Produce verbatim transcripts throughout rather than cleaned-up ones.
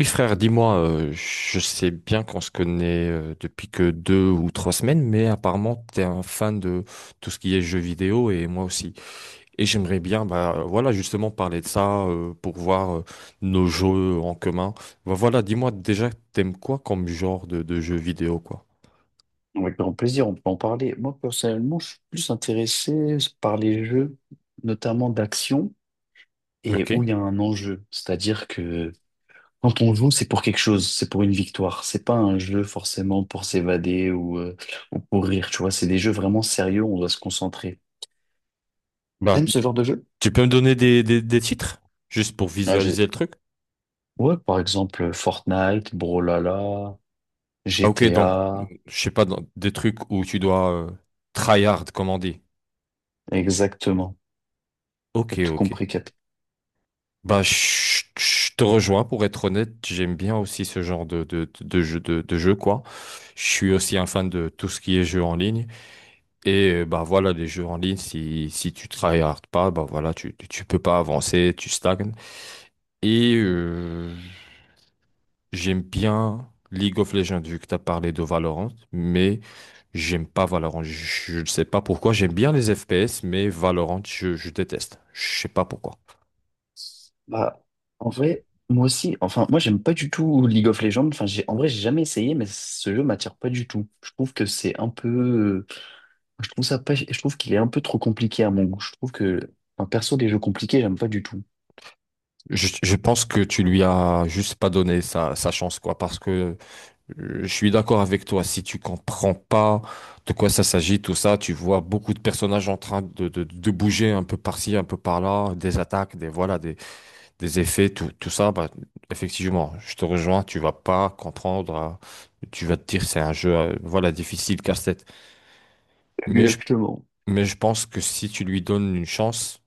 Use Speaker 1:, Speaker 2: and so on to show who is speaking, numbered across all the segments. Speaker 1: Oui, frère, dis-moi, euh, je sais bien qu'on se connaît euh, depuis que deux ou trois semaines, mais apparemment, t'es un fan de tout ce qui est jeux vidéo et moi aussi. Et j'aimerais bien, bah, euh, voilà, justement parler de ça euh, pour voir euh, nos jeux en commun. Bah, voilà, dis-moi déjà, t'aimes quoi comme genre de, de jeux vidéo, quoi?
Speaker 2: Avec grand plaisir, on peut en parler. Moi, personnellement, je suis plus intéressé par les jeux, notamment d'action, et
Speaker 1: Ok.
Speaker 2: où il y a un enjeu. C'est-à-dire que quand on joue, c'est pour quelque chose, c'est pour une victoire. C'est pas un jeu forcément pour s'évader ou, euh, ou pour rire, tu vois. C'est des jeux vraiment sérieux, on doit se concentrer.
Speaker 1: Bah,
Speaker 2: T'aimes ce genre de jeu?
Speaker 1: tu peux me donner des, des, des titres, juste pour
Speaker 2: Ah, j'ai-
Speaker 1: visualiser le truc?
Speaker 2: Ouais, par exemple, Fortnite, Brawlhalla,
Speaker 1: Ah, ok, donc,
Speaker 2: G T A,
Speaker 1: je sais pas, dans- des trucs où tu dois euh, tryhard, comme on dit.
Speaker 2: exactement. T'as
Speaker 1: Ok,
Speaker 2: tout
Speaker 1: ok.
Speaker 2: compris.
Speaker 1: Bah, je je te rejoins, pour être honnête, j'aime bien aussi ce genre de, de, de jeu, de, de jeu, quoi. Je suis aussi un fan de tout ce qui est jeu en ligne. Et euh, bah voilà, les jeux en ligne, si, si tu tryhard pas, bah voilà, tu, tu tu peux pas avancer, tu stagnes. Et euh, J'aime bien League of Legends, vu que tu as parlé de Valorant, mais j'aime pas Valorant. Je ne sais pas pourquoi. J'aime bien les F P S, mais Valorant, je, je déteste. Je sais pas pourquoi.
Speaker 2: Bah, en vrai, moi aussi, enfin, moi, j'aime pas du tout League of Legends. Enfin, j'ai, en vrai, j'ai jamais essayé, mais ce jeu m'attire pas du tout. Je trouve que c'est un peu, je trouve ça pas, je trouve qu'il est un peu trop compliqué à mon goût. Je trouve que, enfin, perso, les jeux compliqués, j'aime pas du tout.
Speaker 1: Je, je pense que tu lui as juste pas donné sa, sa chance, quoi, parce que euh, je suis d'accord avec toi. Si tu comprends pas de quoi ça s'agit, tout ça, tu vois beaucoup de personnages en train de, de, de bouger un peu par-ci, un peu par-là, des attaques, des voilà, des, des effets, tout, tout ça, bah, effectivement, je te rejoins, tu vas pas comprendre, hein, tu vas te dire c'est un jeu, euh, voilà, difficile, casse-tête. Mais je,
Speaker 2: Exactement.
Speaker 1: mais je pense que si tu lui donnes une chance,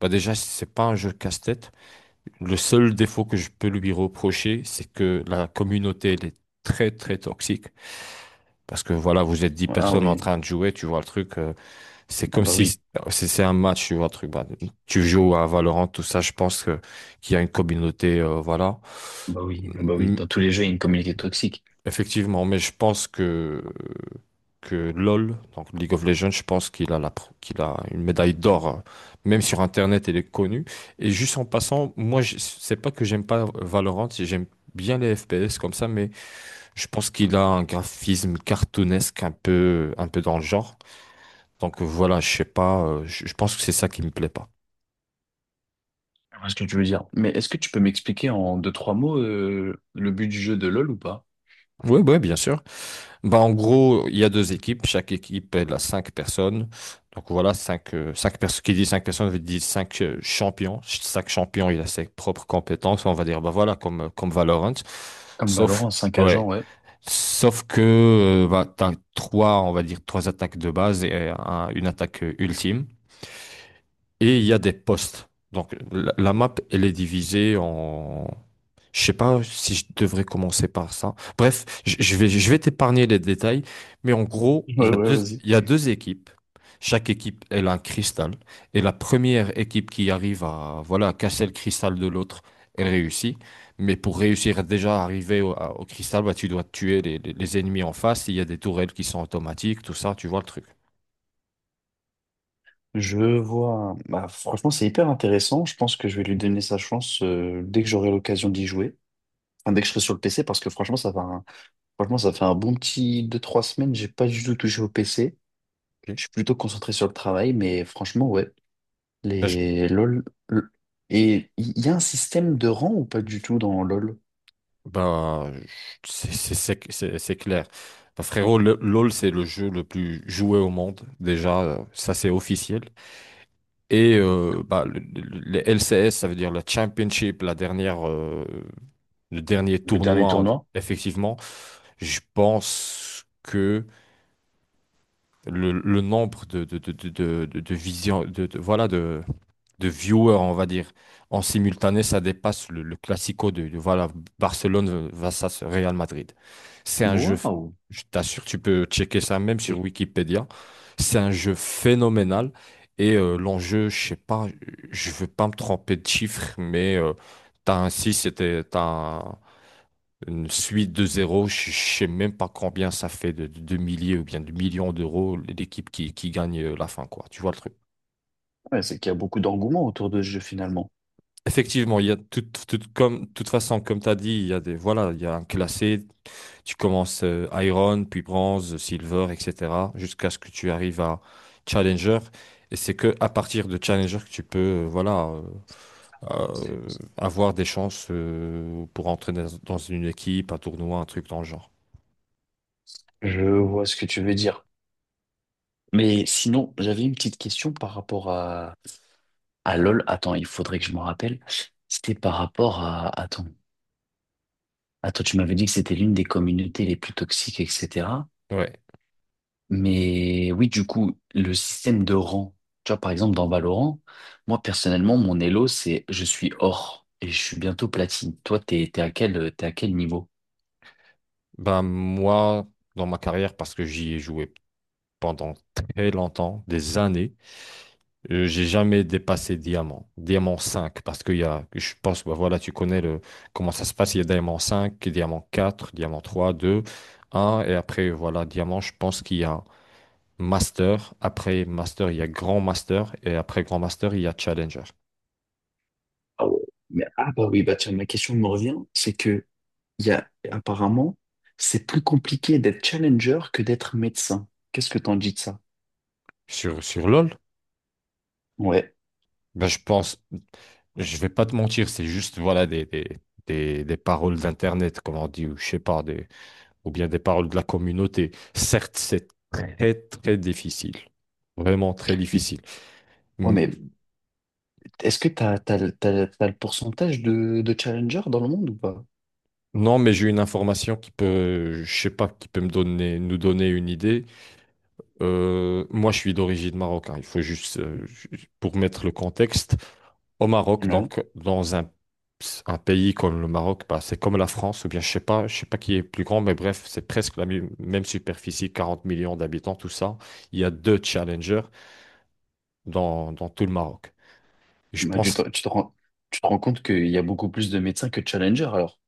Speaker 1: bah déjà, c'est pas un jeu casse-tête. Le seul défaut que je peux lui reprocher, c'est que la communauté, elle est très, très toxique. Parce que voilà, vous êtes dix
Speaker 2: Ah
Speaker 1: personnes en
Speaker 2: oui,
Speaker 1: train de jouer, tu vois le truc. euh, C'est
Speaker 2: ah
Speaker 1: comme
Speaker 2: bah
Speaker 1: si
Speaker 2: oui.
Speaker 1: c'est c'est un match, tu vois, un truc. Bah, tu joues à Valorant, tout ça, je pense que qu'il y a une communauté, euh, voilà.
Speaker 2: Bah oui, bah oui,
Speaker 1: Mm.
Speaker 2: dans tous les jeux, il y a une communauté toxique.
Speaker 1: Effectivement, mais je pense que que LoL, donc League of Legends, je pense qu'il a la pr- qu'il a une médaille d'or, euh, même sur Internet, il est connu. Et juste en passant, moi, je- c'est pas que j'aime pas Valorant, j'aime bien les F P S comme ça, mais je pense qu'il a un graphisme cartoonesque un peu un peu dans le genre. Donc euh, voilà, je sais pas, euh, je je pense que c'est ça qui me plaît pas.
Speaker 2: Je vois ce que tu veux dire. Mais est-ce que tu peux m'expliquer en deux, trois mots euh, le but du jeu de LoL ou pas?
Speaker 1: Oui, oui, bien sûr. Bah, en gros, il y a deux équipes. Chaque équipe, elle a cinq personnes. Donc voilà, cinq, euh, cinq personnes. Qui dit cinq personnes, veut dire cinq euh, champions. Ch- Chaque champion, il a ses propres compétences. On va dire, bah voilà, comme, euh, comme Valorant.
Speaker 2: Comme
Speaker 1: Sauf,
Speaker 2: Valorant, cinq agents,
Speaker 1: ouais.
Speaker 2: ouais.
Speaker 1: Sauf que, euh, bah, t'as trois, on va dire, trois attaques de base et euh, un- une attaque euh, ultime. Et il y a des postes. Donc la, la map, elle est divisée. Je sais pas si je devrais commencer par ça. Bref, je je vais, je vais t'épargner les détails, mais en gros,
Speaker 2: Ouais,
Speaker 1: il y a
Speaker 2: ouais,
Speaker 1: deux,
Speaker 2: vas-y.
Speaker 1: il y a deux équipes. Chaque équipe, elle a un cristal. Et la première équipe qui arrive à, voilà, à casser le cristal de l'autre, elle réussit. Mais pour réussir à déjà arriver au, à- au cristal, bah, tu dois tuer les, les- les ennemis en face. Il y a des tourelles qui sont automatiques, tout ça, tu vois le truc.
Speaker 2: Je vois. Bah, franchement, c'est hyper intéressant. Je pense que je vais lui donner sa chance euh, dès que j'aurai l'occasion d'y jouer. Enfin, dès que je serai sur le P C, parce que franchement, ça fait un... franchement, ça fait un bon petit deux trois semaines. J'ai pas du tout touché au P C. Je suis plutôt concentré sur le travail, mais franchement, ouais.
Speaker 1: Ok.
Speaker 2: Les LOL. l- Et il y a un système de rang ou pas du tout dans LOL?
Speaker 1: Bah, c'est c'est- c'est- c'est- c'est clair. Bah, frérot, le- LOL, c'est le jeu le plus joué au monde. Déjà, euh, ça, c'est officiel. Et euh, bah, le- le- les L C S, ça veut dire la Championship, la dernière, euh, le dernier
Speaker 2: Le dernier
Speaker 1: tournoi,
Speaker 2: tournoi?
Speaker 1: effectivement. Je pense que le, le nombre de, de, de, de, de, de, de vision- de, de- voilà, de viewers, on va dire. En simultané, ça dépasse le, le classico de, de, voilà, Barcelone versus Real Madrid. C'est un jeu,
Speaker 2: Waouh!
Speaker 1: je t'assure, tu peux checker ça même sur Wikipédia. C'est un jeu phénoménal. Et euh, l'enjeu, je sais pas, je veux pas me tromper de chiffres, mais euh, t'as un six c'était t'as un- une suite de zéro je je sais même pas combien ça fait de, de, de milliers ou bien de millions d'euros l'équipe qui, qui gagne euh, la fin, quoi. Tu vois le truc?
Speaker 2: Ouais, c'est qu'il y a beaucoup d'engouement autour de ce jeu finalement.
Speaker 1: Effectivement, il y a tout, tout- comme, toute façon, comme tu as dit, il y a des, voilà, il y a un classé. Tu commences euh, Iron, puis Bronze, Silver, et cetera jusqu'à ce que tu arrives à Challenger. Et c'est que à partir de Challenger que tu peux, euh, voilà, euh, euh, avoir des chances euh, pour entrer dans, dans une équipe, un tournoi, un truc dans le genre.
Speaker 2: Je vois ce que tu veux dire. Mais sinon, j'avais une petite question par rapport à, à LOL. Attends, il faudrait que je me rappelle. C'était par rapport à... Attends. Attends, tu m'avais dit que c'était l'une des communautés les plus toxiques, et cetera.
Speaker 1: Ouais.
Speaker 2: Mais oui, du coup, le système de rang, tu vois, par exemple, dans Valorant, moi, personnellement, mon elo, c'est je suis or et je suis bientôt platine. Toi, t'es, t'es à quel, t'es à quel niveau?
Speaker 1: Ben moi, dans ma carrière, parce que j'y ai joué pendant très longtemps, des années. Euh, J'ai jamais dépassé diamant, diamant cinq parce qu'il y a, je pense, bah voilà, tu connais le, comment ça se passe, il y a diamant cinq diamant quatre diamant trois deux un et après, voilà, diamant, je pense qu'il y a master, après master, il y a grand master, et après grand master, il y a challenger.
Speaker 2: Ah ouais. Mais, ah bah oui, bah tiens, ma question me revient, c'est que il y a apparemment c'est plus compliqué d'être challenger que d'être médecin. Qu'est-ce que t'en dis de ça?
Speaker 1: Sur, sur LoL,
Speaker 2: Ouais.
Speaker 1: ben je pense, je vais pas te mentir, c'est juste, voilà, des, des, des, des paroles d'internet, comme on dit, ou je sais pas, des, ou bien des paroles de la communauté. Certes, c'est très, très difficile. Vraiment très difficile.
Speaker 2: Ouais,
Speaker 1: M-
Speaker 2: mais est-ce que t'as, t'as, le- t'as, le t'as le pourcentage de, de challenger dans le monde ou pas?
Speaker 1: Non, mais j'ai une information qui peut, je sais pas, qui peut me donner, nous donner une idée. Euh, moi, je suis d'origine marocaine. Il faut juste, euh, ju- pour mettre le contexte, au Maroc,
Speaker 2: Ouais.
Speaker 1: donc dans un, un pays comme le Maroc, bah, c'est comme la France, ou bien je sais pas, je sais pas qui est plus grand, mais bref, c'est presque la mi- même superficie, quarante millions d'habitants, tout ça. Il y a deux challengers dans, dans tout le Maroc. Je
Speaker 2: Bah, tu te,
Speaker 1: pense,
Speaker 2: tu te rends, tu te rends compte qu'il y a beaucoup plus de médecins que de challengers, alors.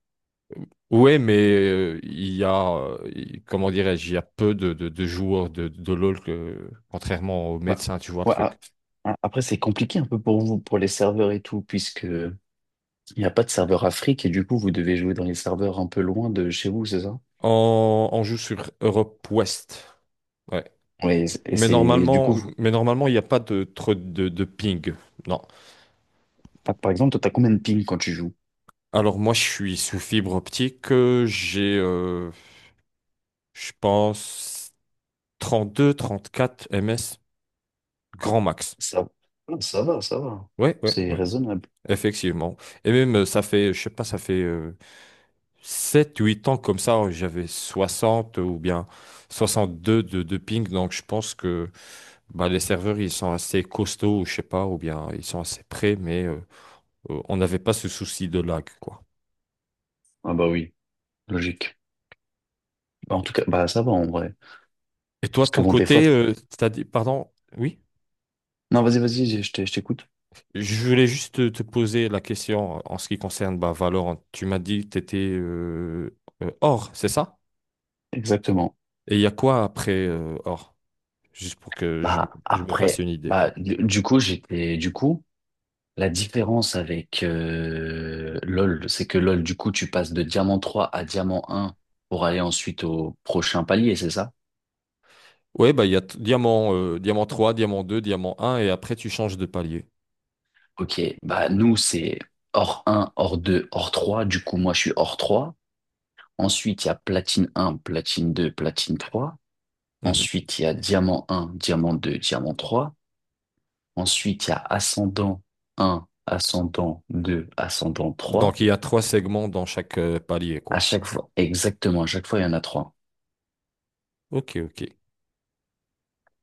Speaker 1: ouais, mais euh, il y a, euh, il- comment dirais-je, il y a peu de, de, de joueurs de, de LoL que, contrairement aux
Speaker 2: Ouais.
Speaker 1: médecins, tu vois le
Speaker 2: Ouais, ah,
Speaker 1: truc.
Speaker 2: ah, après, c'est compliqué un peu pour vous, pour les serveurs et tout, puisque il n'y a pas de serveur Afrique et du coup, vous devez jouer dans les serveurs un peu loin de chez vous, c'est ça?
Speaker 1: On, on joue sur Europe Ouest, ouais.
Speaker 2: Ouais, et c'est et
Speaker 1: Mais
Speaker 2: c'est- du
Speaker 1: normalement,
Speaker 2: coup, vous-
Speaker 1: mais normalement, il n'y a pas de trop de, de ping, non.
Speaker 2: ah, par exemple, toi, t'as combien de ping quand tu joues?
Speaker 1: Alors moi, je suis sous fibre optique, euh, j'ai, euh, je pense, trente-deux, trente-quatre ms, grand max.
Speaker 2: Ça, ah, ça va, ça va.
Speaker 1: Ouais, ouais,
Speaker 2: C'est
Speaker 1: ouais,
Speaker 2: raisonnable.
Speaker 1: effectivement. Et même, euh, ça fait, je sais pas, ça fait euh, sept huit ans comme ça, j'avais soixante ou bien soixante-deux de, de ping. Donc, je pense que bah, les serveurs, ils sont assez costauds, je sais pas, ou bien ils sont assez prêts, mais euh, euh, on n'avait pas ce souci de lag, quoi.
Speaker 2: Ah bah oui, logique. Bah, en
Speaker 1: Et,
Speaker 2: tout cas,
Speaker 1: t-
Speaker 2: bah ça va en vrai.
Speaker 1: et toi,
Speaker 2: Parce
Speaker 1: de
Speaker 2: que
Speaker 1: ton
Speaker 2: bon, des fois...
Speaker 1: côté, euh, t'as dit, pardon, oui?
Speaker 2: Non, vas-y, vas-y, je je t'ai- je t'écoute.
Speaker 1: Je voulais juste te, te poser la question en ce qui concerne bah, Valorant. Tu m'as dit que tu étais Or, c'est ça?
Speaker 2: Exactement.
Speaker 1: Et il y a quoi après euh, Or? Juste pour que je,
Speaker 2: Bah
Speaker 1: je me fasse
Speaker 2: après,
Speaker 1: une idée,
Speaker 2: bah
Speaker 1: quoi.
Speaker 2: du du coup, j'étais... Du coup... La différence avec euh, LoL, c'est que LoL, du coup, tu passes de diamant trois à diamant un pour aller ensuite au prochain palier, c'est ça?
Speaker 1: Ouais, bah, il y a t- diamant, euh, diamant trois diamant deux diamant un et après tu changes de palier.
Speaker 2: Ok, bah nous, c'est or un, or deux, or trois. Du coup, moi, je suis or trois. Ensuite, il y a platine un, platine deux, platine trois.
Speaker 1: Mhm.
Speaker 2: Ensuite, il y a diamant un, diamant deux, diamant trois. Ensuite, il y a ascendant un, ascendant deux, ascendant trois.
Speaker 1: Donc il y a trois segments dans chaque euh, palier,
Speaker 2: À
Speaker 1: quoi.
Speaker 2: chaque fois, exactement, à chaque fois, il y en a trois.
Speaker 1: Ok, ok.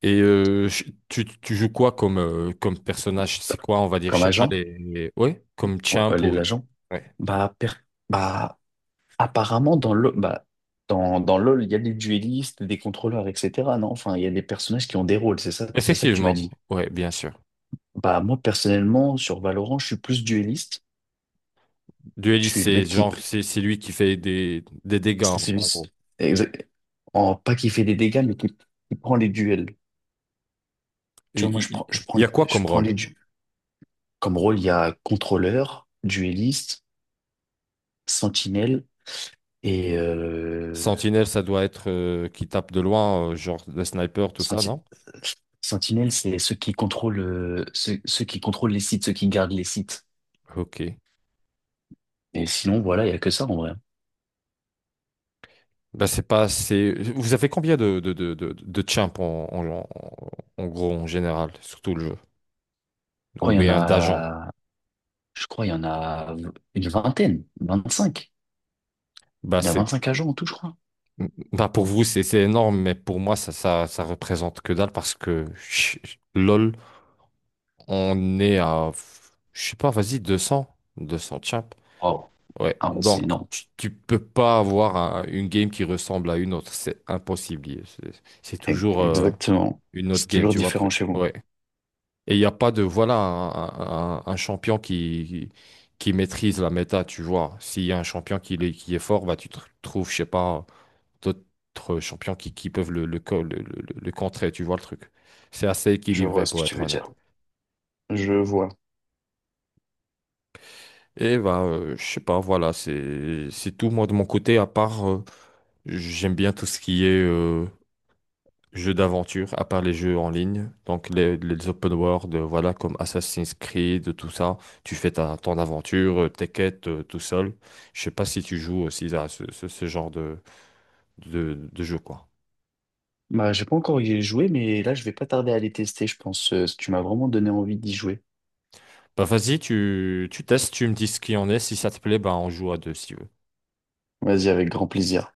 Speaker 1: Et euh, ch- tu, tu joues quoi comme, euh, comme personnage? C'est quoi, on va dire, je
Speaker 2: Comme
Speaker 1: sais pas,
Speaker 2: agent?
Speaker 1: les... les- Ouais, comme
Speaker 2: Ouais,
Speaker 1: champ
Speaker 2: euh, les
Speaker 1: ou...
Speaker 2: agents?
Speaker 1: Ouais.
Speaker 2: Bah, per- bah apparemment, dans le bah, dans, dans LoL, il y a des duellistes, des contrôleurs, et cetera. Non? Enfin, il y a des personnages qui ont des rôles, c'est ça, c'est ça que tu m'as
Speaker 1: Effectivement,
Speaker 2: dit.
Speaker 1: ouais, bien sûr.
Speaker 2: Bah, moi, personnellement, sur Valorant, je suis plus duelliste. Je
Speaker 1: Dueliste,
Speaker 2: suis le
Speaker 1: c'est
Speaker 2: mec qui...
Speaker 1: genre, c'est c'est lui qui fait des, des dégâts,
Speaker 2: C'est
Speaker 1: en en
Speaker 2: celui...
Speaker 1: gros.
Speaker 2: exact- en- pas qui fait des dégâts, mais qui, qui prend les duels.
Speaker 1: Et
Speaker 2: Tu vois, moi,
Speaker 1: Il
Speaker 2: je
Speaker 1: il-
Speaker 2: prends, je prends,
Speaker 1: il y a quoi
Speaker 2: je
Speaker 1: comme
Speaker 2: prends
Speaker 1: rôle?
Speaker 2: les duels. Comme rôle, il y a contrôleur, duelliste, sentinelle et euh,
Speaker 1: Sentinelle, ça doit être euh, qui tape de loin, euh, genre le sniper, tout ça,
Speaker 2: Senti-
Speaker 1: non?
Speaker 2: Sentinelle, c'est ceux qui contrôlent, euh, ceux, ceux qui contrôlent les sites, ceux qui gardent les sites.
Speaker 1: Ok.
Speaker 2: Et sinon, voilà, il y a que ça en vrai. Je
Speaker 1: Bah, c'est pas assez. Vous avez combien de, de, de, de, de champs en, en, en- en gros, en général, sur tout le jeu?
Speaker 2: crois
Speaker 1: Ou
Speaker 2: il y en
Speaker 1: bien d'agents?
Speaker 2: a, je crois il y en a une vingtaine, vingt-cinq.
Speaker 1: Bah,
Speaker 2: Il y a
Speaker 1: c'est,
Speaker 2: vingt-cinq agents en tout, je crois.
Speaker 1: bah, pour vous, c'est c'est énorme, mais pour moi, ça, ça, ça représente que dalle parce que ch- LOL, on est à, je sais pas, vas-y, deux cents deux cents champs.
Speaker 2: Wow.
Speaker 1: Ouais,
Speaker 2: Ah ouais, c'est
Speaker 1: donc
Speaker 2: énorme.
Speaker 1: tu, tu peux pas avoir un- une game qui ressemble à une autre, c'est impossible. C'est c'est
Speaker 2: E-
Speaker 1: toujours euh,
Speaker 2: Exactement.
Speaker 1: une autre
Speaker 2: C'est
Speaker 1: game,
Speaker 2: toujours
Speaker 1: tu vois le
Speaker 2: différent
Speaker 1: truc.
Speaker 2: chez vous.
Speaker 1: Ouais. Et il n'y a pas de, voilà, un, un- un champion qui, qui maîtrise la méta, tu vois. S'il y a un champion qui, l'est- qui est fort, bah, tu tr- trouves, je sais pas, d'autres champions qui, qui peuvent le, le, co- le, le- le contrer, tu vois le truc. C'est assez
Speaker 2: Je vois
Speaker 1: équilibré,
Speaker 2: ce que
Speaker 1: pour
Speaker 2: tu
Speaker 1: être
Speaker 2: veux dire.
Speaker 1: honnête.
Speaker 2: Je vois.
Speaker 1: Et bah, euh, je sais pas, voilà, c'est, c'est tout, moi, de mon côté, à part, euh, j'aime bien tout ce qui est, euh, jeux d'aventure, à part les jeux en ligne, donc les, les open world, euh, voilà, comme Assassin's Creed, tout ça, tu fais ta, ton aventure, euh, tes quêtes, euh, tout seul. Je sais pas si tu joues aussi à ce, ce- ce genre de, de, de jeu, quoi.
Speaker 2: Bah, j'ai pas encore y joué, mais là, je vais pas tarder à les tester, je pense. Euh, Tu m'as vraiment donné envie d'y jouer.
Speaker 1: Bah vas-y, tu, tu testes, tu me dis ce qu'il en est, si ça te plaît, bah on joue à deux si tu veux.
Speaker 2: Vas-y, avec grand plaisir.